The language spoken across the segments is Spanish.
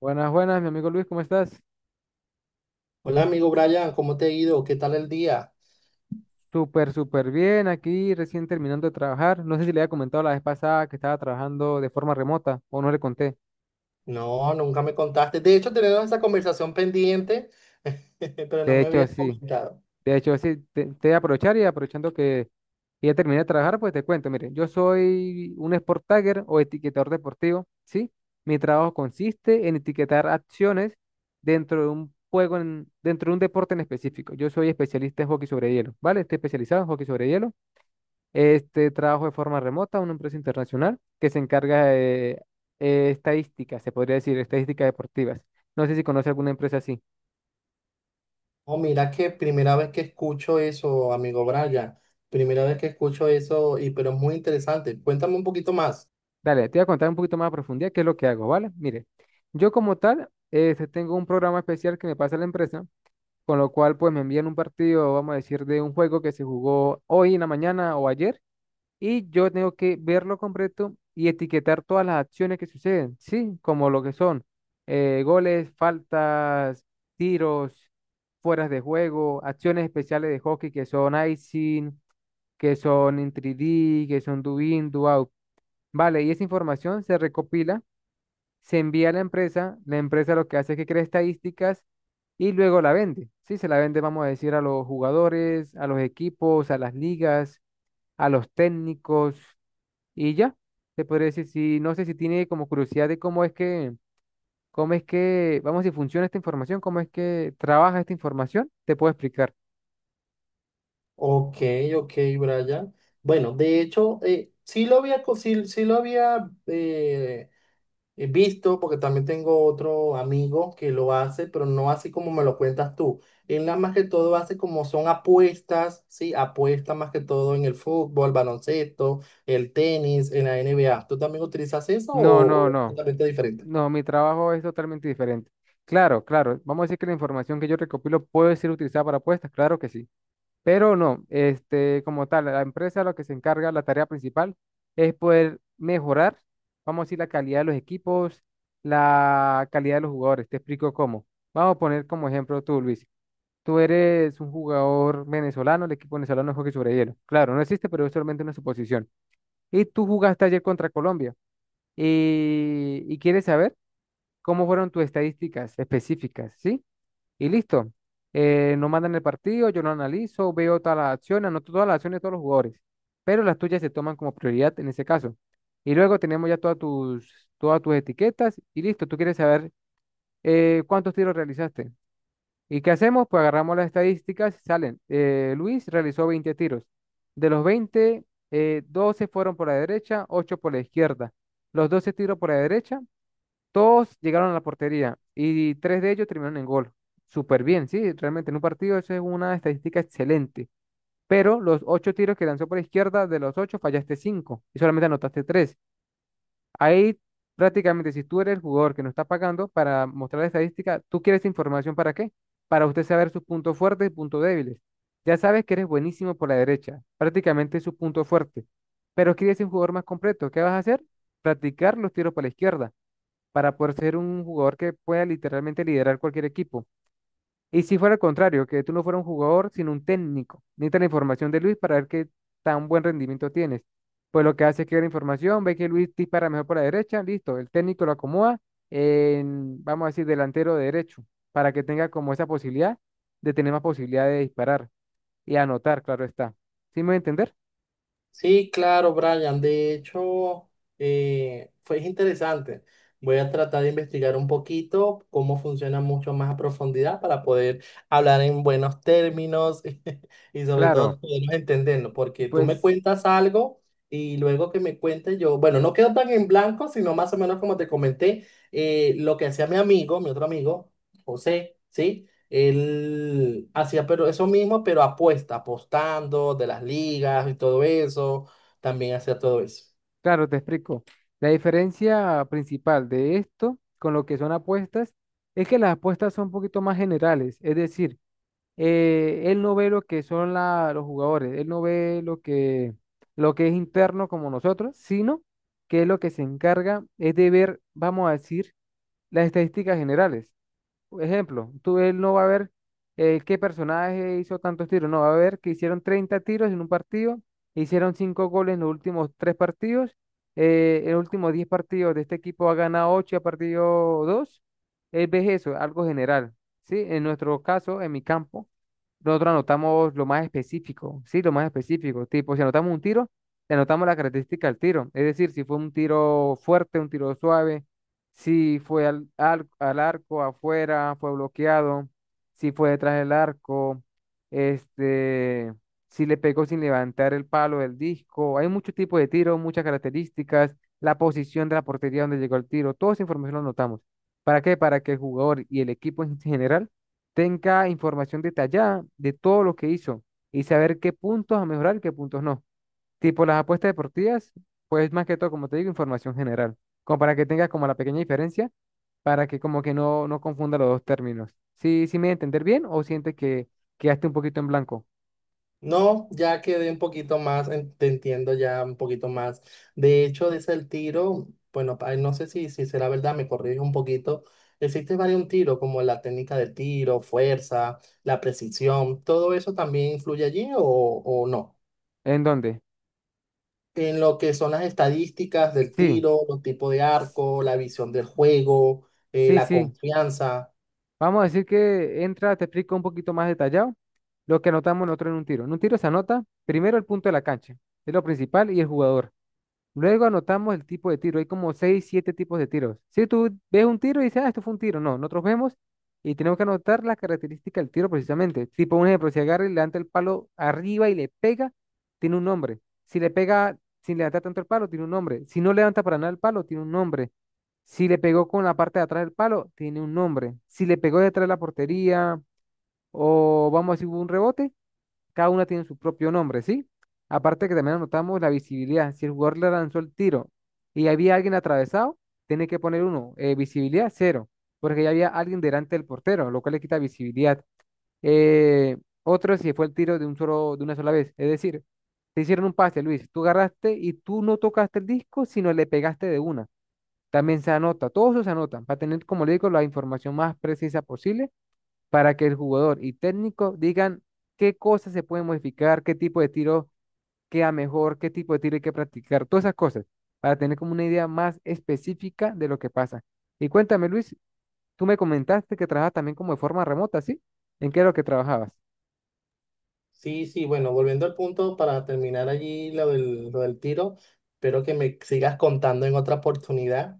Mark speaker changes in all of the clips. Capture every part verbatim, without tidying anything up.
Speaker 1: Buenas, buenas, mi amigo Luis, ¿cómo estás?
Speaker 2: Hola amigo Brian, ¿cómo te ha ido? ¿Qué tal el día?
Speaker 1: Súper, súper bien, aquí recién terminando de trabajar. No sé si le había comentado la vez pasada que estaba trabajando de forma remota o no le conté.
Speaker 2: No, nunca me contaste. De hecho, tenemos esa conversación pendiente, pero no
Speaker 1: De
Speaker 2: me
Speaker 1: hecho,
Speaker 2: habías
Speaker 1: sí,
Speaker 2: comentado.
Speaker 1: de hecho, sí, te, te voy a aprovechar y aprovechando que que ya terminé de trabajar, pues te cuento, mire, yo soy un sport tagger o etiquetador deportivo, ¿sí? Mi trabajo consiste en etiquetar acciones dentro de un juego, en- dentro de un deporte en específico. Yo soy especialista en hockey sobre hielo, ¿vale? Estoy especializado en hockey sobre hielo. Este trabajo de forma remota a una empresa internacional que se encarga de eh, estadísticas, se podría decir, estadísticas deportivas. No sé si conoce alguna empresa así.
Speaker 2: Oh, mira que primera vez que escucho eso, amigo Brian. Primera vez que escucho eso, y pero es muy interesante. Cuéntame un poquito más.
Speaker 1: Dale, te voy a contar un poquito más a profundidad qué es lo que hago, ¿vale? Mire, yo como tal, este, tengo un programa especial que me pasa la empresa, con lo cual pues me envían un partido, vamos a decir, de un juego que se jugó hoy en la mañana o ayer, y yo tengo que verlo completo y etiquetar todas las acciones que suceden, ¿sí? Como lo que son eh, goles, faltas, tiros, fueras de juego, acciones especiales de hockey que son icing, que son in tres D, que son do in, do out. Vale, y esa información se recopila, se envía a la empresa, la empresa lo que hace es que crea estadísticas y luego la vende, ¿sí? Se la vende, vamos a decir, a los jugadores, a los equipos, a las ligas, a los técnicos. Y ya, te podría decir, si no sé si tiene como curiosidad de cómo es que, cómo es que, vamos, si funciona esta información, cómo es que trabaja esta información, te puedo explicar.
Speaker 2: Ok, ok, Brian. Bueno, de hecho, eh, sí lo había, co- sí, sí lo había eh, he visto, porque también tengo otro amigo que lo hace, pero no así como me lo cuentas tú. Él nada más que todo hace como son apuestas, ¿sí? Apuestas más que todo en el fútbol, baloncesto, el tenis, en la N B A. ¿Tú también utilizas eso
Speaker 1: No,
Speaker 2: o
Speaker 1: no,
Speaker 2: o
Speaker 1: no.
Speaker 2: totalmente diferente?
Speaker 1: No, mi trabajo es totalmente diferente. Claro, claro. Vamos a decir que la información que yo recopilo puede ser utilizada para apuestas, claro que sí. Pero no, este, como tal, la empresa lo que se encarga, la tarea principal es poder mejorar, vamos a decir, la calidad de los equipos, la calidad de los jugadores. Te explico cómo. Vamos a poner como ejemplo tú, Luis. Tú eres un jugador venezolano, el equipo venezolano no juega sobre hielo. Claro, no existe, pero es solamente una suposición. Y tú jugaste ayer contra Colombia. Y, y quieres saber cómo fueron tus estadísticas específicas, ¿sí? Y listo. Eh, no mandan el partido, yo lo analizo, veo todas las acciones, anoto todas las acciones de todos los jugadores. Pero las tuyas se toman como prioridad en ese caso. Y luego tenemos ya todas tus, todas tus etiquetas y listo. Tú quieres saber eh, cuántos tiros realizaste. ¿Y qué hacemos? Pues agarramos las estadísticas y salen. eh, Luis realizó veinte tiros. De los veinte, eh, doce fueron por la derecha, ocho por la izquierda. Los doce tiros por la derecha, todos llegaron a la portería y tres de ellos terminaron en gol. Súper bien, sí, realmente en un partido eso es una estadística excelente. Pero los ocho tiros que lanzó por la izquierda, de los ocho fallaste cinco y solamente anotaste tres. Ahí prácticamente, si tú eres el jugador que no está pagando para mostrar la estadística, ¿tú quieres esa información para qué? Para usted saber sus puntos fuertes y puntos débiles. Ya sabes que eres buenísimo por la derecha, prácticamente es su punto fuerte, pero quieres ser un jugador más completo. ¿Qué vas a hacer? Practicar los tiros para la izquierda para poder ser un jugador que pueda literalmente liderar cualquier equipo. Y si fuera al contrario, que tú no fueras un jugador, sino un técnico, necesitas la información de Luis para ver qué tan buen rendimiento tienes. Pues lo que hace es que ve la información, ve que Luis dispara mejor por la derecha, listo, el técnico lo acomoda en, vamos a decir, delantero derecho, para que tenga como esa posibilidad de tener más posibilidad de disparar y anotar, claro está. ¿Sí me voy a entender?
Speaker 2: Sí, claro, Brian. De hecho, eh, fue interesante. Voy a tratar de investigar un poquito cómo funciona mucho más a profundidad para poder hablar en buenos términos y sobre
Speaker 1: Claro,
Speaker 2: todo podernos entendernos, porque tú me
Speaker 1: pues
Speaker 2: cuentas algo y luego que me cuentes yo, bueno, no quedo tan en blanco, sino más o menos como te comenté, eh, lo que hacía mi amigo, mi otro amigo, José, ¿sí? Él hacía pero eso mismo, pero apuesta, apostando de las ligas y todo eso. También hacía todo eso.
Speaker 1: claro, te explico. La diferencia principal de esto con lo que son apuestas es que las apuestas son un poquito más generales, es decir, eh, él no ve lo que son la- los jugadores, él no ve lo que, lo que es interno como nosotros, sino que lo que se encarga es de ver, vamos a decir, las estadísticas generales. Ejemplo, tú él no va a ver eh, qué personaje hizo tantos tiros, no, va a ver que hicieron treinta tiros en un partido, hicieron cinco goles en los últimos tres partidos, eh, en los últimos diez partidos de este equipo ha ganado ocho y ha perdido dos. Él ve eso, algo general, ¿sí? En nuestro caso, en mi campo, nosotros anotamos lo más específico, ¿sí? Lo más específico, tipo, si anotamos un tiro, le anotamos la característica del tiro, es decir, si fue un tiro fuerte, un tiro suave, si fue al, al, al arco afuera, fue bloqueado, si fue detrás del arco, este, si le pegó sin levantar el palo del disco. Hay muchos tipos de tiros, muchas características, la posición de la portería donde llegó el tiro. Toda esa información la anotamos. ¿Para qué? Para que el jugador y el equipo en general tenga información detallada de todo lo que hizo y saber qué puntos a mejorar y qué puntos no. Tipo las apuestas deportivas, pues más que todo, como te digo, información general, como para que tengas como la pequeña diferencia, para que como que no, no confunda los dos términos. ¿Sí, sí me voy a entender bien o sientes que quedaste un poquito en blanco?
Speaker 2: No, ya quedé un poquito más, en- te entiendo ya un poquito más. De hecho, desde el tiro, bueno, pa- no sé si, si será verdad, me corrige un poquito. Existe varios tiros, como la técnica de tiro, fuerza, la precisión, ¿todo eso también influye allí o, o no?
Speaker 1: ¿En dónde?
Speaker 2: En lo que son las estadísticas del
Speaker 1: Sí,
Speaker 2: tiro, los tipos de
Speaker 1: s-
Speaker 2: arco, la visión del juego, eh,
Speaker 1: sí,
Speaker 2: la
Speaker 1: sí.
Speaker 2: confianza.
Speaker 1: Vamos a decir que entra, te explico un poquito más detallado lo que anotamos nosotros en un tiro. En un tiro se anota primero el punto de la cancha, es lo principal, y el jugador. Luego anotamos el tipo de tiro. Hay como seis siete tipos de tiros. Si tú ves un tiro y dices, ah, esto fue un tiro. No, nosotros vemos y tenemos que anotar las características del tiro precisamente. Tipo, un ejemplo, si agarra y levanta el palo arriba y le pega, tiene un nombre. Si le pega sin levantar tanto el palo, tiene un nombre. Si no levanta para nada el palo, tiene un nombre. Si le pegó con la parte de atrás del palo, tiene un nombre. Si le pegó detrás de la portería o vamos a decir hubo un rebote, cada una tiene su propio nombre, ¿sí? Aparte que también anotamos la visibilidad. Si el jugador le lanzó el tiro y había alguien atravesado, tiene que poner uno. eh, visibilidad, cero, porque ya había alguien delante del portero, lo cual le quita visibilidad. Eh, otro si fue el tiro de un solo, de una sola vez. Es decir, te hicieron un pase, Luis. Tú agarraste y tú no tocaste el disco, sino le pegaste de una. También se anota, todos eso se anotan, para tener, como le digo, la información más precisa posible para que el jugador y técnico digan qué cosas se pueden modificar, qué tipo de tiro queda mejor, qué tipo de tiro hay que practicar, todas esas cosas, para tener como una idea más específica de lo que pasa. Y cuéntame, Luis, tú me comentaste que trabajas también como de forma remota, ¿sí? ¿En qué es lo que trabajabas?
Speaker 2: Sí, sí, bueno, volviendo al punto para terminar allí lo del, lo del tiro, espero que me sigas contando en otra oportunidad.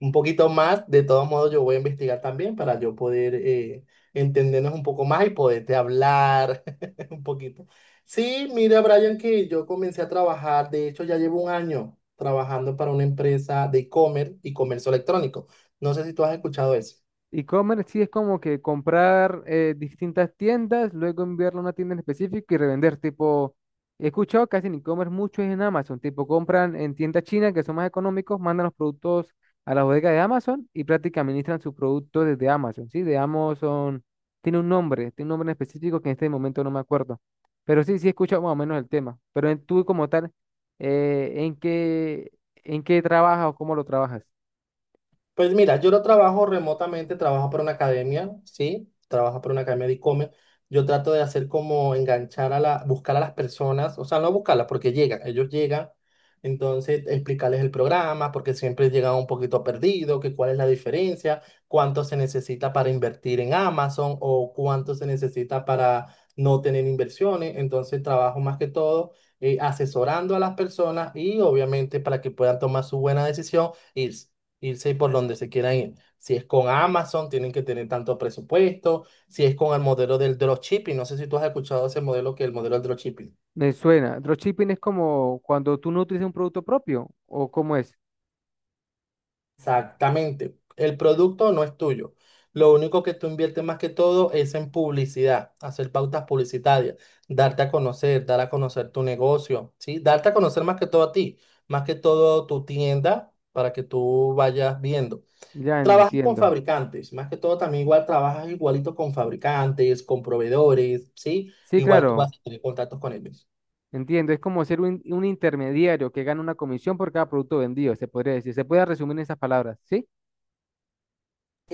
Speaker 2: Un poquito más. De todos modos, yo voy a investigar también para yo poder eh, entendernos un poco más y poderte hablar un poquito. Sí, mira, Brian, que yo comencé a trabajar, de hecho, ya llevo un año trabajando para una empresa de e-commerce y comercio electrónico. No sé si tú has escuchado eso.
Speaker 1: E-commerce sí es como que comprar eh, distintas tiendas, luego enviarlo a una tienda en específico y revender. Tipo, he escuchado casi en e-commerce mucho es en Amazon. Tipo, compran en tiendas chinas que son más económicos, mandan los productos a la bodega de Amazon y prácticamente administran sus productos desde Amazon. Sí, de Amazon tiene un nombre, tiene un nombre en específico que en este momento no me acuerdo. Pero sí, sí he escuchado más o menos el tema. Pero en, tú como tal, eh, ¿en qué, en qué trabajas o cómo lo trabajas?
Speaker 2: Pues mira, yo lo trabajo remotamente, trabajo para una academia, ¿sí? Trabajo para una academia de e-commerce. Yo trato de hacer como enganchar a la, buscar a las personas, o sea, no buscarlas porque llegan, ellos llegan, entonces explicarles el programa, porque siempre llegan un poquito perdido, que cuál es la diferencia, cuánto se necesita para invertir en Amazon o cuánto se necesita para no tener inversiones. Entonces trabajo más que todo eh, asesorando a las personas y obviamente para que puedan tomar su buena decisión. Y irse por donde se quieran ir. Si es con Amazon, tienen que tener tanto presupuesto. Si es con el modelo del dropshipping, no sé si tú has escuchado ese modelo que es el modelo del dropshipping.
Speaker 1: Me suena. Dropshipping es como cuando tú no utilizas un producto propio, ¿o cómo es?
Speaker 2: Exactamente. El producto no es tuyo. Lo único que tú inviertes más que todo es en publicidad, hacer pautas publicitarias, darte a conocer, dar a conocer tu negocio, ¿sí? Darte a conocer más que todo a ti, más que todo tu tienda para que tú vayas viendo.
Speaker 1: Ya
Speaker 2: Trabajas con
Speaker 1: entiendo.
Speaker 2: fabricantes, más que todo también igual trabajas igualito con fabricantes, con proveedores, ¿sí?
Speaker 1: Sí,
Speaker 2: Igual tú vas
Speaker 1: claro,
Speaker 2: a tener contactos con ellos.
Speaker 1: entiendo. Es como ser un, un intermediario que gana una comisión por cada producto vendido, se podría decir. Se puede resumir en esas palabras, ¿sí?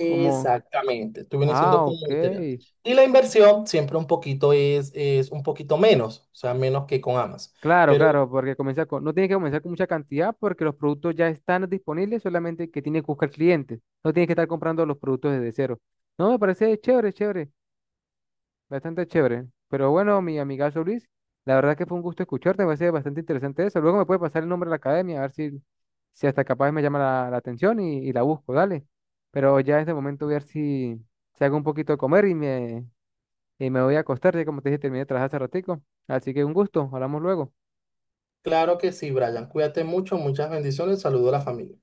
Speaker 1: Como,
Speaker 2: tú vienes siendo
Speaker 1: ah,
Speaker 2: como
Speaker 1: ok.
Speaker 2: material. Y la inversión siempre un poquito es, es un poquito menos, o sea, menos que con Amas.
Speaker 1: Claro,
Speaker 2: Pero
Speaker 1: claro, porque comienza con, no tiene que comenzar con mucha cantidad porque los productos ya están disponibles, solamente que tiene que buscar clientes. No tiene que estar comprando los productos desde cero. No, me parece chévere, chévere. Bastante chévere. Pero bueno, mi amigazo Luis, la verdad que fue un gusto escucharte, me parece bastante interesante eso. Luego me puede pasar el nombre de la academia, a ver si, si hasta capaz me llama la, la atención y, y la busco, dale. Pero ya en este momento voy a ver si, si hago un poquito de comer y me, y me voy a acostar, ya como te dije, terminé de trabajar hace ratico. Así que un gusto, hablamos luego.
Speaker 2: claro que sí, Brian, cuídate mucho, muchas bendiciones, saludo a la familia.